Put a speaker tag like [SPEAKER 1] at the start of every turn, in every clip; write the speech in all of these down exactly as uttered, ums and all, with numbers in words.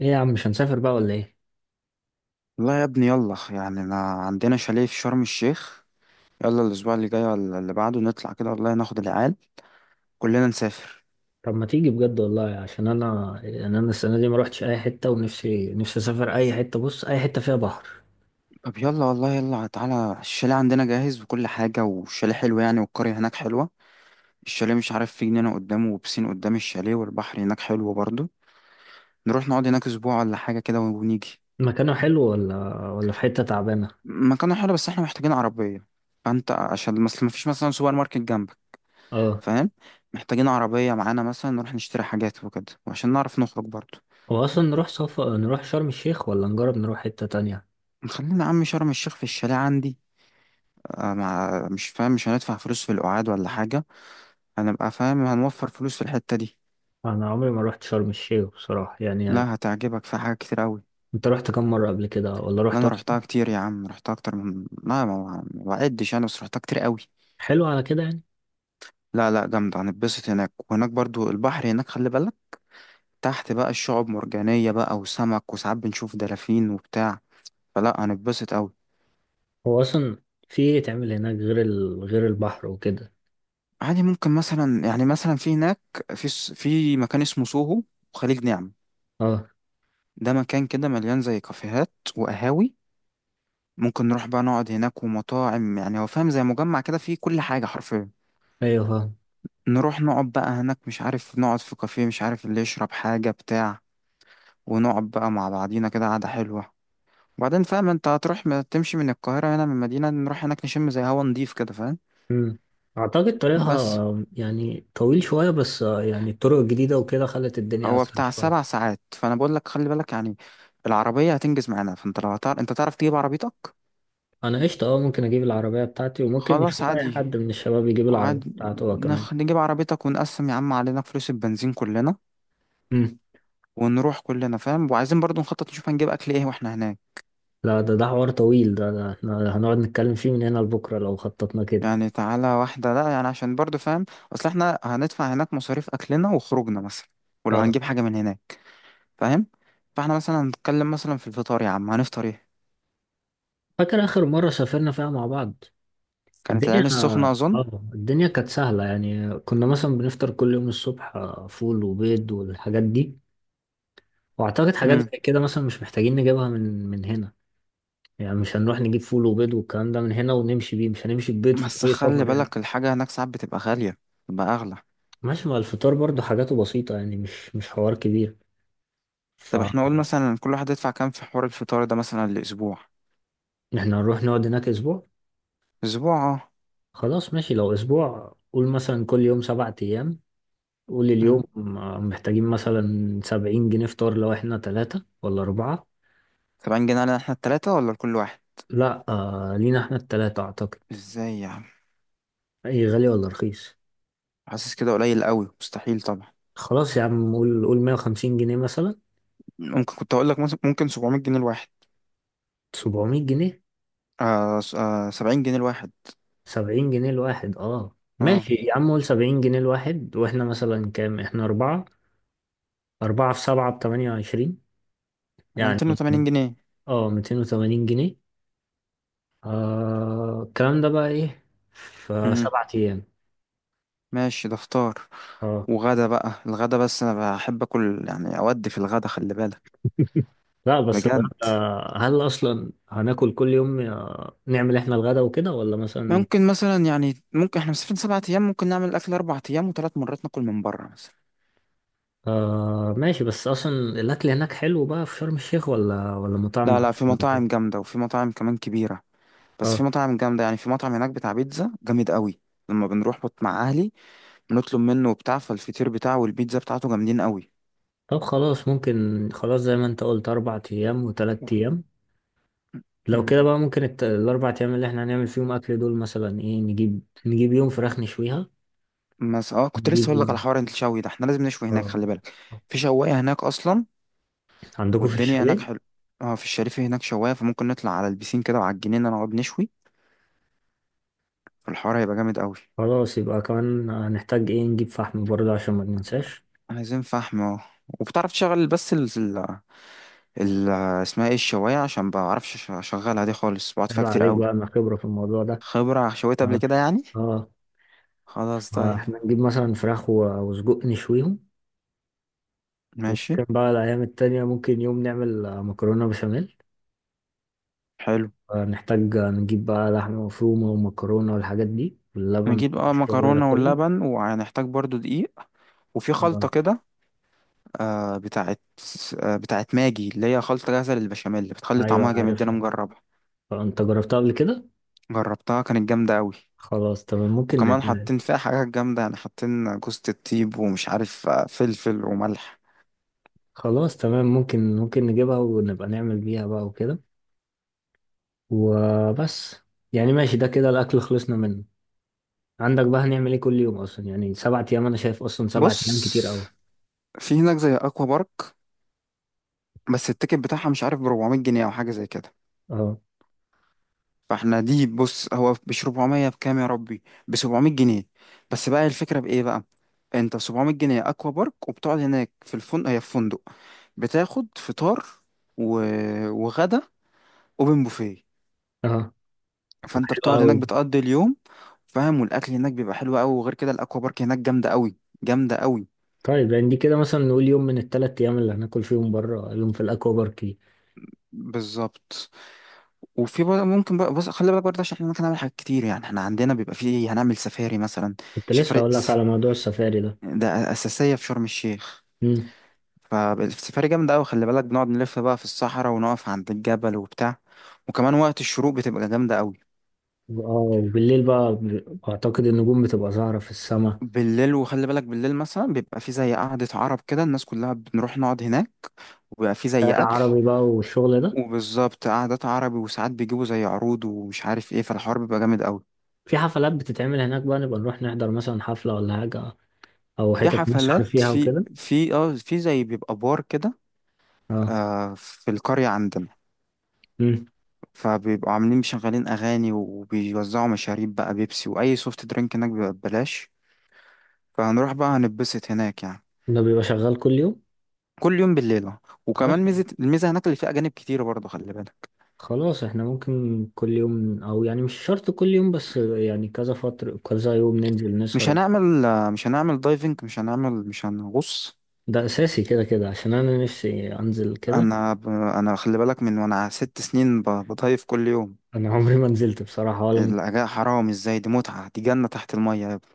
[SPEAKER 1] ايه يا عم، مش هنسافر بقى ولا ايه؟
[SPEAKER 2] لا يا ابني، يلا يعني انا عندنا شاليه في شرم الشيخ. يلا الاسبوع اللي جاي ولا اللي بعده نطلع كده والله، ناخد العيال كلنا نسافر.
[SPEAKER 1] طب ما تيجي بجد والله، عشان انا يعني انا السنه دي ما روحتش اي حته، ونفسي نفسي اسافر اي حته، بص اي حته فيها بحر.
[SPEAKER 2] طب يلا والله، يلا تعالى الشاليه عندنا جاهز وكل حاجة، والشاليه حلو يعني، والقرية هناك حلوة. الشاليه مش عارف، في جنينة قدامه وبسين قدام الشاليه، والبحر هناك حلو برضه. نروح نقعد هناك اسبوع ولا حاجة كده ونيجي.
[SPEAKER 1] مكانه حلو ولا ولا في حته تعبانه؟
[SPEAKER 2] مكانه حلو بس احنا محتاجين عربية، فانت عشان مثلا مفيش مثلا سوبر ماركت جنبك.
[SPEAKER 1] اه،
[SPEAKER 2] فاهم؟ محتاجين عربية معانا مثلا نروح نشتري حاجات وكده، وعشان نعرف نخرج برضه.
[SPEAKER 1] هو اصلا نروح صفا نروح شرم الشيخ ولا نجرب نروح حته تانية؟
[SPEAKER 2] خلينا يا عم شرم الشيخ في الشاليه عندي. آه، مع مش فاهم، مش هندفع فلوس في القعاد ولا حاجة. هنبقى فاهم، هنوفر فلوس في الحتة دي.
[SPEAKER 1] انا عمري ما روحت شرم الشيخ بصراحه يعني.
[SPEAKER 2] لا هتعجبك، في حاجات كتير أوي.
[SPEAKER 1] انت رحت كم مره قبل كده، ولا
[SPEAKER 2] لا
[SPEAKER 1] رحت
[SPEAKER 2] أنا
[SPEAKER 1] اصلا؟
[SPEAKER 2] روحتها كتير يا عم، روحتها أكتر من لا ما ما بعدش، أنا بس روحتها كتير أوي.
[SPEAKER 1] حلو على كده يعني.
[SPEAKER 2] لا لا جامدة، هنتبسط هناك، وهناك برضو البحر هناك خلي بالك. تحت بقى الشعب مرجانية بقى وسمك، وساعات بنشوف دلافين وبتاع. فلا هنتبسط أوي.
[SPEAKER 1] هو اصلا في ايه تعمل هناك، غير ال... غير البحر وكده؟
[SPEAKER 2] عادي ممكن مثلا يعني مثلا في هناك في س- في مكان اسمه سوهو وخليج نعمة.
[SPEAKER 1] اه،
[SPEAKER 2] ده مكان كده مليان زي كافيهات وقهاوي، ممكن نروح بقى نقعد هناك ومطاعم، يعني هو فاهم زي مجمع كده فيه كل حاجة حرفيا.
[SPEAKER 1] ايوه،
[SPEAKER 2] نروح نقعد بقى هناك، مش عارف نقعد في كافيه، مش عارف اللي يشرب حاجة بتاع، ونقعد بقى مع بعضينا كده قعدة حلوة. وبعدين فاهم انت، هتروح م- تمشي من القاهرة هنا، من المدينة نروح هناك نشم زي هوا نضيف كده، فاهم؟
[SPEAKER 1] مم. أعتقد طريقها
[SPEAKER 2] بس
[SPEAKER 1] آه، يعني طويل شوية، بس آه، يعني الطرق الجديدة وكده خلت الدنيا
[SPEAKER 2] هو
[SPEAKER 1] أسهل
[SPEAKER 2] بتاع
[SPEAKER 1] شوية.
[SPEAKER 2] سبع ساعات، فأنا بقول لك خلي بالك يعني. العربية هتنجز معانا، فانت لو هتعرف انت تعرف تجيب عربيتك.
[SPEAKER 1] أنا قشطة، أه ممكن أجيب العربية بتاعتي، وممكن
[SPEAKER 2] خلاص
[SPEAKER 1] نشوف أي حد
[SPEAKER 2] عادي.
[SPEAKER 1] من الشباب يجيب العربية
[SPEAKER 2] وعادي،
[SPEAKER 1] بتاعته هو كمان.
[SPEAKER 2] نخ... نجيب عربيتك ونقسم يا عم علينا فلوس البنزين كلنا،
[SPEAKER 1] مم.
[SPEAKER 2] ونروح كلنا. فاهم؟ وعايزين برضو نخطط نشوف هنجيب اكل ايه واحنا هناك.
[SPEAKER 1] لا، ده ده حوار طويل، ده, ده احنا هنقعد نتكلم فيه من هنا لبكرة لو خططنا كده.
[SPEAKER 2] يعني تعالى واحدة لا، يعني عشان برضو فاهم، اصل احنا هندفع هناك مصاريف اكلنا وخروجنا مثلا، ولو
[SPEAKER 1] اه.
[SPEAKER 2] هنجيب حاجة من هناك. فاهم؟ فاحنا مثلا هنتكلم مثلا في الفطار، يا عم هنفطر ايه؟
[SPEAKER 1] فاكر آخر مرة سافرنا فيها مع بعض؟
[SPEAKER 2] كانت
[SPEAKER 1] الدنيا
[SPEAKER 2] العين السخنة
[SPEAKER 1] اه
[SPEAKER 2] اظن.
[SPEAKER 1] الدنيا كانت سهلة، يعني كنا مثلا بنفطر كل يوم الصبح، آه، فول وبيض والحاجات دي. وأعتقد حاجات
[SPEAKER 2] امم
[SPEAKER 1] زي كده مثلا مش محتاجين نجيبها من من هنا. يعني مش هنروح نجيب فول وبيض والكلام ده من هنا ونمشي بيه، مش هنمشي ببيض في
[SPEAKER 2] بس
[SPEAKER 1] طريق
[SPEAKER 2] خلي
[SPEAKER 1] سفر يعني.
[SPEAKER 2] بالك الحاجة هناك ساعات بتبقى غالية، بتبقى اغلى.
[SPEAKER 1] ماشي، ما الفطار برضو حاجاته بسيطة، يعني مش مش حوار كبير.
[SPEAKER 2] طب احنا قول
[SPEAKER 1] فاحنا
[SPEAKER 2] مثلا كل واحد يدفع كام في حوار الفطار ده مثلا الاسبوع.
[SPEAKER 1] هنروح نقعد هناك أسبوع.
[SPEAKER 2] اسبوع.
[SPEAKER 1] خلاص ماشي، لو أسبوع قول مثلا كل يوم سبعة أيام، قول
[SPEAKER 2] اه،
[SPEAKER 1] اليوم. آه، محتاجين مثلا سبعين جنيه فطار، لو احنا تلاتة ولا أربعة.
[SPEAKER 2] سبعين جنيه علينا احنا التلاتة ولا لكل واحد؟
[SPEAKER 1] لا، آه لينا احنا التلاتة أعتقد.
[SPEAKER 2] ازاي يا عم،
[SPEAKER 1] أي، غالي ولا رخيص؟
[SPEAKER 2] حاسس كده قليل قوي مستحيل طبعا.
[SPEAKER 1] خلاص يا عم، قول قول مية وخمسين جنيه مثلا.
[SPEAKER 2] ممكن كنت اقول لك مثلا ممكن سبعمية جنيه الواحد.
[SPEAKER 1] سبعمية جنيه؟
[SPEAKER 2] آه, س- آه سبعين جنيه الواحد.
[SPEAKER 1] سبعين جنيه الواحد؟ اه
[SPEAKER 2] اه،
[SPEAKER 1] ماشي يا عم، قول سبعين جنيه الواحد، واحنا مثلا كام؟ احنا اربعة. اربعة في سبعة بتمانية وعشرين
[SPEAKER 2] انا
[SPEAKER 1] يعني.
[SPEAKER 2] ميتين وتمانين جنيه.
[SPEAKER 1] اه، ميتين وتمانين جنيه. آه، الكلام ده بقى ايه في
[SPEAKER 2] امم
[SPEAKER 1] سبعة ايام؟
[SPEAKER 2] ماشي، ده فطار.
[SPEAKER 1] اه.
[SPEAKER 2] وغدا بقى الغدا، بس انا بحب اكل يعني اودي في الغدا خلي بالك.
[SPEAKER 1] لا، بس
[SPEAKER 2] بجد.
[SPEAKER 1] الغدا. هل اصلا هناكل كل يوم، آه، نعمل احنا الغدا وكده، ولا مثلا؟
[SPEAKER 2] ممكن مثلا يعني ممكن احنا مسافرين سبعة ايام، ممكن نعمل الاكل اربع ايام وثلاث مرات ناكل من بره مثلا.
[SPEAKER 1] آه ماشي، بس اصلا الاكل هناك حلو بقى في شرم الشيخ، ولا ولا مطعم
[SPEAKER 2] لا لا، في
[SPEAKER 1] معفن وكده؟
[SPEAKER 2] مطاعم جامدة وفي مطاعم كمان كبيرة، بس في
[SPEAKER 1] اه.
[SPEAKER 2] مطاعم جامدة يعني. في مطعم هناك بتاع بيتزا جامد قوي، لما بنروح بط- مع أهلي بنطلب منه وبتاع، فالفطير بتاعه والبيتزا بتاعته جامدين قوي.
[SPEAKER 1] طب خلاص، ممكن خلاص زي ما انت قلت اربع ايام وتلات ايام. لو
[SPEAKER 2] مم.
[SPEAKER 1] كده بقى ممكن الت... الاربع ايام اللي احنا هنعمل فيهم اكل دول مثلا ايه؟ نجيب نجيب يوم فراخ نشويها.
[SPEAKER 2] بس اه كنت لسه
[SPEAKER 1] نجيب
[SPEAKER 2] اقول لك على
[SPEAKER 1] يوم.
[SPEAKER 2] حوار الشوي ده، احنا لازم نشوي هناك
[SPEAKER 1] اه.
[SPEAKER 2] خلي بالك. في شوايه هناك اصلا،
[SPEAKER 1] عندكم في
[SPEAKER 2] والدنيا هناك
[SPEAKER 1] الشاليه؟
[SPEAKER 2] حلو. اه في الشريف هناك شوايه، فممكن نطلع على البيسين كده وعلى الجنينه نقعد نشوي. فالحوار هيبقى جامد قوي.
[SPEAKER 1] خلاص، يبقى كمان هنحتاج ايه؟ نجيب فحم برضه عشان ما ننساش.
[SPEAKER 2] عايزين فحم اه. وبتعرف تشغل بس ال ال ال- اسمها ايه الشوايه؟ عشان بعرفش أش- اشغلها دي خالص، بقعد
[SPEAKER 1] عيب
[SPEAKER 2] فيها كتير
[SPEAKER 1] عليك بقى،
[SPEAKER 2] قوي.
[SPEAKER 1] انا خبرة في الموضوع ده.
[SPEAKER 2] خبره شويت قبل
[SPEAKER 1] اه،
[SPEAKER 2] كده يعني.
[SPEAKER 1] اه.
[SPEAKER 2] خلاص طيب.
[SPEAKER 1] فاحنا نجيب مثلا فراخ و- وسجق نشويهم.
[SPEAKER 2] ماشي.
[SPEAKER 1] وممكن بقى الايام التانية ممكن يوم نعمل آه، مكرونة بشاميل.
[SPEAKER 2] حلو.
[SPEAKER 1] آه، نحتاج نجيب بقى لحمة مفرومة ومكرونة والحاجات دي واللبن
[SPEAKER 2] نجيب بقى
[SPEAKER 1] والشغل ده
[SPEAKER 2] مكرونة
[SPEAKER 1] كله.
[SPEAKER 2] واللبن، وهنحتاج برضو دقيق. وفي خلطة
[SPEAKER 1] آه،
[SPEAKER 2] كده، آه بتاعت آه بتاعت ماجي، اللي هي خلطة جاهزة للبشاميل بتخلي
[SPEAKER 1] أيوة
[SPEAKER 2] طعمها جامد، دي أنا
[SPEAKER 1] عارفها.
[SPEAKER 2] مجربها.
[SPEAKER 1] آه، أنت جربتها قبل كده؟
[SPEAKER 2] جربتها كانت جامدة أوي.
[SPEAKER 1] خلاص تمام، ممكن
[SPEAKER 2] وكمان
[SPEAKER 1] نعملها.
[SPEAKER 2] حاطين فيها حاجات جامدة يعني، حاطين جوزة الطيب، ومش عارف آه، فلفل وملح.
[SPEAKER 1] خلاص تمام، ممكن ممكن نجيبها ونبقى نعمل بيها بقى وكده. وبس. يعني ماشي، ده كده الأكل خلصنا منه. عندك بقى هنعمل إيه كل يوم أصلا؟ يعني سبعة أيام، أنا شايف أصلا سبعة أيام كتير
[SPEAKER 2] بص،
[SPEAKER 1] أوي.
[SPEAKER 2] في هناك زي أكوا بارك، بس التيكت بتاعها مش عارف ب اربعمية جنيه أو حاجة زي كده.
[SPEAKER 1] أه،
[SPEAKER 2] فاحنا دي بص، هو ب سبعمية بكام يا ربي، ب سبعمية جنيه. بس بقى الفكره بايه بقى، انت ب سبعمية جنيه اكوا بارك، وبتقعد هناك في الفندق، هي في فندق، بتاخد فطار و... وغدا اوبن بوفيه.
[SPEAKER 1] أه،
[SPEAKER 2] فانت
[SPEAKER 1] حلو
[SPEAKER 2] بتقعد هناك
[SPEAKER 1] أوي.
[SPEAKER 2] بتقضي اليوم. فاهم؟ والاكل هناك بيبقى حلو قوي، وغير كده الاكوا بارك هناك جامده قوي، جامده قوي.
[SPEAKER 1] طيب يعني دي كده مثلا نقول يوم من التلات أيام اللي هناكل فيهم بره، يوم في الأكوا بارك دي.
[SPEAKER 2] بالظبط. وفي بقى ممكن بقى، بص خلي بالك برضه، عشان احنا ممكن نعمل حاجات كتير يعني. احنا عندنا بيبقى فيه هنعمل سفاري مثلا.
[SPEAKER 1] كنت لسه
[SPEAKER 2] شفرق،
[SPEAKER 1] هقول لك على موضوع السفاري ده.
[SPEAKER 2] ده اساسيه في شرم الشيخ.
[SPEAKER 1] مم.
[SPEAKER 2] فالسفاري جامدة أوي خلي بالك، بنقعد نلف بقى في الصحراء، ونقف عند الجبل وبتاع، وكمان وقت الشروق بتبقى جامدة أوي.
[SPEAKER 1] اه، وبالليل بقى ب- اعتقد النجوم بتبقى ظاهرة في السماء.
[SPEAKER 2] بالليل، وخلي بالك بالليل مثلا بيبقى في زي قعدة عرب كده، الناس كلها بنروح نقعد هناك، وبيبقى في زي
[SPEAKER 1] خيال
[SPEAKER 2] أكل.
[SPEAKER 1] العربي بقى والشغل ده.
[SPEAKER 2] وبالظبط قعدات عربي، وساعات بيجيبوا زي عروض ومش عارف ايه، فالحوار بيبقى جامد أوي.
[SPEAKER 1] في حفلات بتتعمل هناك بقى؟ نبقى نروح نحضر مثلا حفلة ولا حاجة، او
[SPEAKER 2] في
[SPEAKER 1] حتت نسهر
[SPEAKER 2] حفلات،
[SPEAKER 1] فيها
[SPEAKER 2] في
[SPEAKER 1] وكده.
[SPEAKER 2] في اه في زي بيبقى بار كده.
[SPEAKER 1] اه،
[SPEAKER 2] آه في القرية عندنا.
[SPEAKER 1] مم.
[SPEAKER 2] فبيبقوا عاملين مشغلين أغاني، وبيوزعوا مشاريب بقى، بيبسي وأي سوفت درينك هناك بيبقى ببلاش. فهنروح بقى هنتبسط هناك يعني.
[SPEAKER 1] ده بيبقى شغال كل يوم؟
[SPEAKER 2] كل يوم بالليل أهو. وكمان
[SPEAKER 1] خلاص،
[SPEAKER 2] ميزة، الميزة هناك اللي فيها أجانب كتير برضه خلي بالك.
[SPEAKER 1] خلاص احنا ممكن كل يوم، او يعني مش شرط كل يوم، بس يعني كذا فترة كذا يوم ننزل
[SPEAKER 2] مش
[SPEAKER 1] نسهر.
[SPEAKER 2] هنعمل مش هنعمل دايفنج، مش هنعمل مش هنغوص.
[SPEAKER 1] ده اساسي كده كده، عشان انا نفسي انزل كده.
[SPEAKER 2] أنا ب... أنا خلي بالك من وأنا ست سنين ب... بدايف كل يوم.
[SPEAKER 1] انا عمري ما نزلت بصراحة، ولا م-
[SPEAKER 2] الأجواء حرام، إزاي دي متعة، دي جنة تحت المية يا ابني.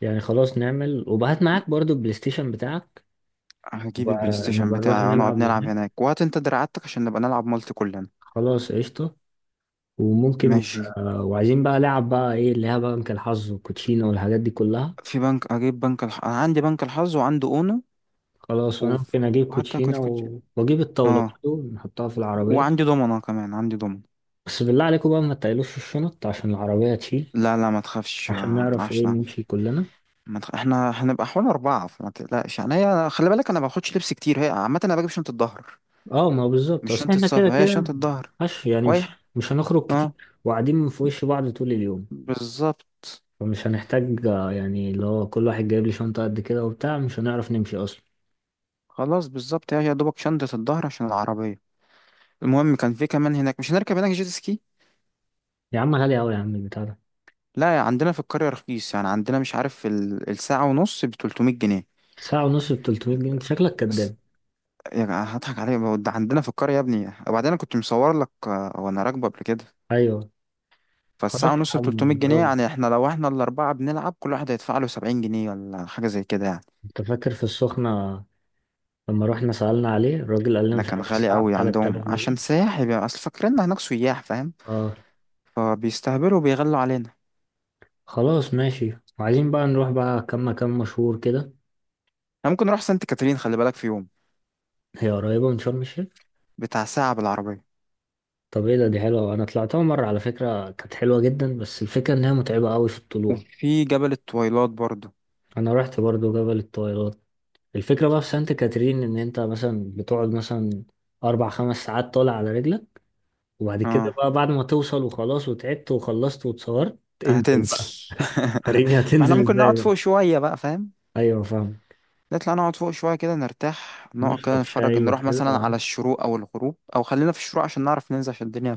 [SPEAKER 1] يعني خلاص نعمل، وبهات معاك برضو البلاي ستيشن بتاعك.
[SPEAKER 2] هجيب
[SPEAKER 1] نبقى
[SPEAKER 2] البلاي ستيشن
[SPEAKER 1] نبقى نروح
[SPEAKER 2] بتاعي ونقعد
[SPEAKER 1] نلعب
[SPEAKER 2] نلعب
[SPEAKER 1] هناك.
[SPEAKER 2] هناك، وهات أنت دراعاتك عشان نبقى نلعب مالتي كلنا.
[SPEAKER 1] خلاص قشطة. وممكن
[SPEAKER 2] ماشي.
[SPEAKER 1] آه، وعايزين بقى لعب بقى، ايه اللي هي بقى؟ بنك الحظ والكوتشينة والحاجات دي كلها.
[SPEAKER 2] في بنك، أجيب بنك الح... أنا عندي بنك الحظ وعندي أونو.
[SPEAKER 1] خلاص، وانا
[SPEAKER 2] وف-
[SPEAKER 1] ممكن اجيب
[SPEAKER 2] وحتى
[SPEAKER 1] كوتشينة
[SPEAKER 2] كنت كنت
[SPEAKER 1] و... واجيب الطاولة
[SPEAKER 2] آه،
[SPEAKER 1] برضو نحطها في العربية.
[SPEAKER 2] وعندي دومنة، كمان عندي دومنة.
[SPEAKER 1] بس بالله عليكم بقى، ما تقلوش الشنط عشان العربية تشيل.
[SPEAKER 2] لا لا، ما تخافش،
[SPEAKER 1] عشان
[SPEAKER 2] ما
[SPEAKER 1] نعرف
[SPEAKER 2] نطلعش.
[SPEAKER 1] ايه
[SPEAKER 2] نعم.
[SPEAKER 1] نمشي كلنا.
[SPEAKER 2] ما تخ... احنا هنبقى حوالي أربعة، فما تقلقش يعني. هي خلي بالك، أنا ما باخدش لبس كتير، هي عامة أنا بجيب شنطة ظهر،
[SPEAKER 1] اه، ما هو بالظبط،
[SPEAKER 2] مش
[SPEAKER 1] اصل
[SPEAKER 2] شنطة
[SPEAKER 1] احنا كده
[SPEAKER 2] سفر، هي شنطة
[SPEAKER 1] كده.
[SPEAKER 2] ظهر.
[SPEAKER 1] مش يعني،
[SPEAKER 2] ويح.
[SPEAKER 1] مش مش هنخرج
[SPEAKER 2] اه،
[SPEAKER 1] كتير، وقاعدين في وش بعض طول اليوم.
[SPEAKER 2] بالظبط.
[SPEAKER 1] فمش هنحتاج آه، يعني اللي هو كل واحد جايب لي شنطة قد كده وبتاع، مش هنعرف نمشي اصلا.
[SPEAKER 2] خلاص بالظبط، هي يا دوبك شنطة الظهر عشان العربية. المهم كان في كمان هناك مش هنركب هناك جيت سكي.
[SPEAKER 1] يا عم غالي أوي يا عم البتاع ده.
[SPEAKER 2] لا، يا عندنا في القرية رخيص يعني، عندنا مش عارف ال- الساعة ونص ب تلتمية جنيه.
[SPEAKER 1] ساعة ونص ب تلتمية جنيه؟ أنت شكلك
[SPEAKER 2] بس-
[SPEAKER 1] كداب.
[SPEAKER 2] يا جماعة هضحك عليك، ده عندنا في القرية يا ابني، وبعدين أنا كنت مصور لك آه، وأنا راكبة قبل كده.
[SPEAKER 1] أيوه. خلاص
[SPEAKER 2] فالساعة
[SPEAKER 1] يا
[SPEAKER 2] ونص ب
[SPEAKER 1] عم
[SPEAKER 2] تلتمية جنيه
[SPEAKER 1] نجربه.
[SPEAKER 2] يعني، احنا لو احنا الأربعة بنلعب، كل واحد هيدفع له سبعين جنيه ولا حاجة زي كده يعني.
[SPEAKER 1] أنت فاكر في السخنة؟ لما رحنا سألنا عليه الراجل قال لنا
[SPEAKER 2] ده
[SPEAKER 1] مش
[SPEAKER 2] كان
[SPEAKER 1] عارف،
[SPEAKER 2] غالي
[SPEAKER 1] الساعة ب
[SPEAKER 2] قوي عندهم
[SPEAKER 1] ثلاثة آلاف جنيه.
[SPEAKER 2] عشان سياح، يبقى أصل فاكريننا هناك سياح فاهم،
[SPEAKER 1] أه،
[SPEAKER 2] فبيستهبلوا وبيغلوا علينا.
[SPEAKER 1] خلاص ماشي. وعايزين بقى نروح بقى كام مكان مشهور كده.
[SPEAKER 2] احنا ممكن نروح سانت كاترين خلي بالك في يوم،
[SPEAKER 1] هي قريبة من شرم الشيخ؟
[SPEAKER 2] بتاع ساعة بالعربية.
[SPEAKER 1] طب إيه ده؟ دي حلوة، أنا طلعتها مرة على فكرة، كانت حلوة جدا، بس الفكرة إنها متعبة أوي في الطلوع.
[SPEAKER 2] وفي جبل التويلات برضه.
[SPEAKER 1] أنا رحت برضو جبل الطويلات. الفكرة بقى في سانت كاترين، إن أنت مثلا بتقعد مثلا أربع خمس ساعات طالع على رجلك. وبعد كده
[SPEAKER 2] اه،
[SPEAKER 1] بقى، بعد ما توصل وخلاص وتعبت وخلصت واتصورت، انزل
[SPEAKER 2] هتنزل.
[SPEAKER 1] بقى. وريني
[SPEAKER 2] ما احنا
[SPEAKER 1] هتنزل
[SPEAKER 2] ممكن
[SPEAKER 1] ازاي
[SPEAKER 2] نقعد
[SPEAKER 1] بقى؟
[SPEAKER 2] فوق شوية بقى، فاهم؟
[SPEAKER 1] ايوه، فاهم.
[SPEAKER 2] نطلع نقعد فوق شوية كده نرتاح، نقعد كده
[SPEAKER 1] نشرب
[SPEAKER 2] نتفرج،
[SPEAKER 1] شاي
[SPEAKER 2] نروح
[SPEAKER 1] وكده
[SPEAKER 2] مثلا
[SPEAKER 1] آه.
[SPEAKER 2] على الشروق أو الغروب، أو خلينا في الشروق عشان نعرف ننزل، عشان الدنيا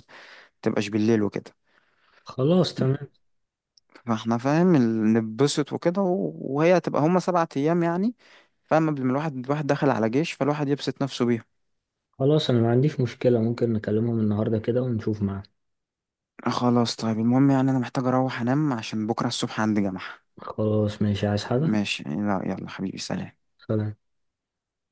[SPEAKER 2] متبقاش بالليل وكده.
[SPEAKER 1] خلاص تمام.
[SPEAKER 2] فاحنا فاهم ال- نتبسط وكده و- وهي هتبقى هما سبعة أيام يعني، فاهم؟ قبل ما الواحد الواحد داخل على جيش، فالواحد يبسط نفسه بيها.
[SPEAKER 1] خلاص، انا ما عنديش مشكلة، ممكن نكلمهم النهاردة كده ونشوف معاه.
[SPEAKER 2] آه خلاص طيب، المهم يعني أنا محتاج أروح أنام عشان بكرة الصبح عندي جامعة.
[SPEAKER 1] خلاص ماشي، عايز حاجة؟
[SPEAKER 2] ماشي. لا يلا حبيبي، سلام.
[SPEAKER 1] سلام.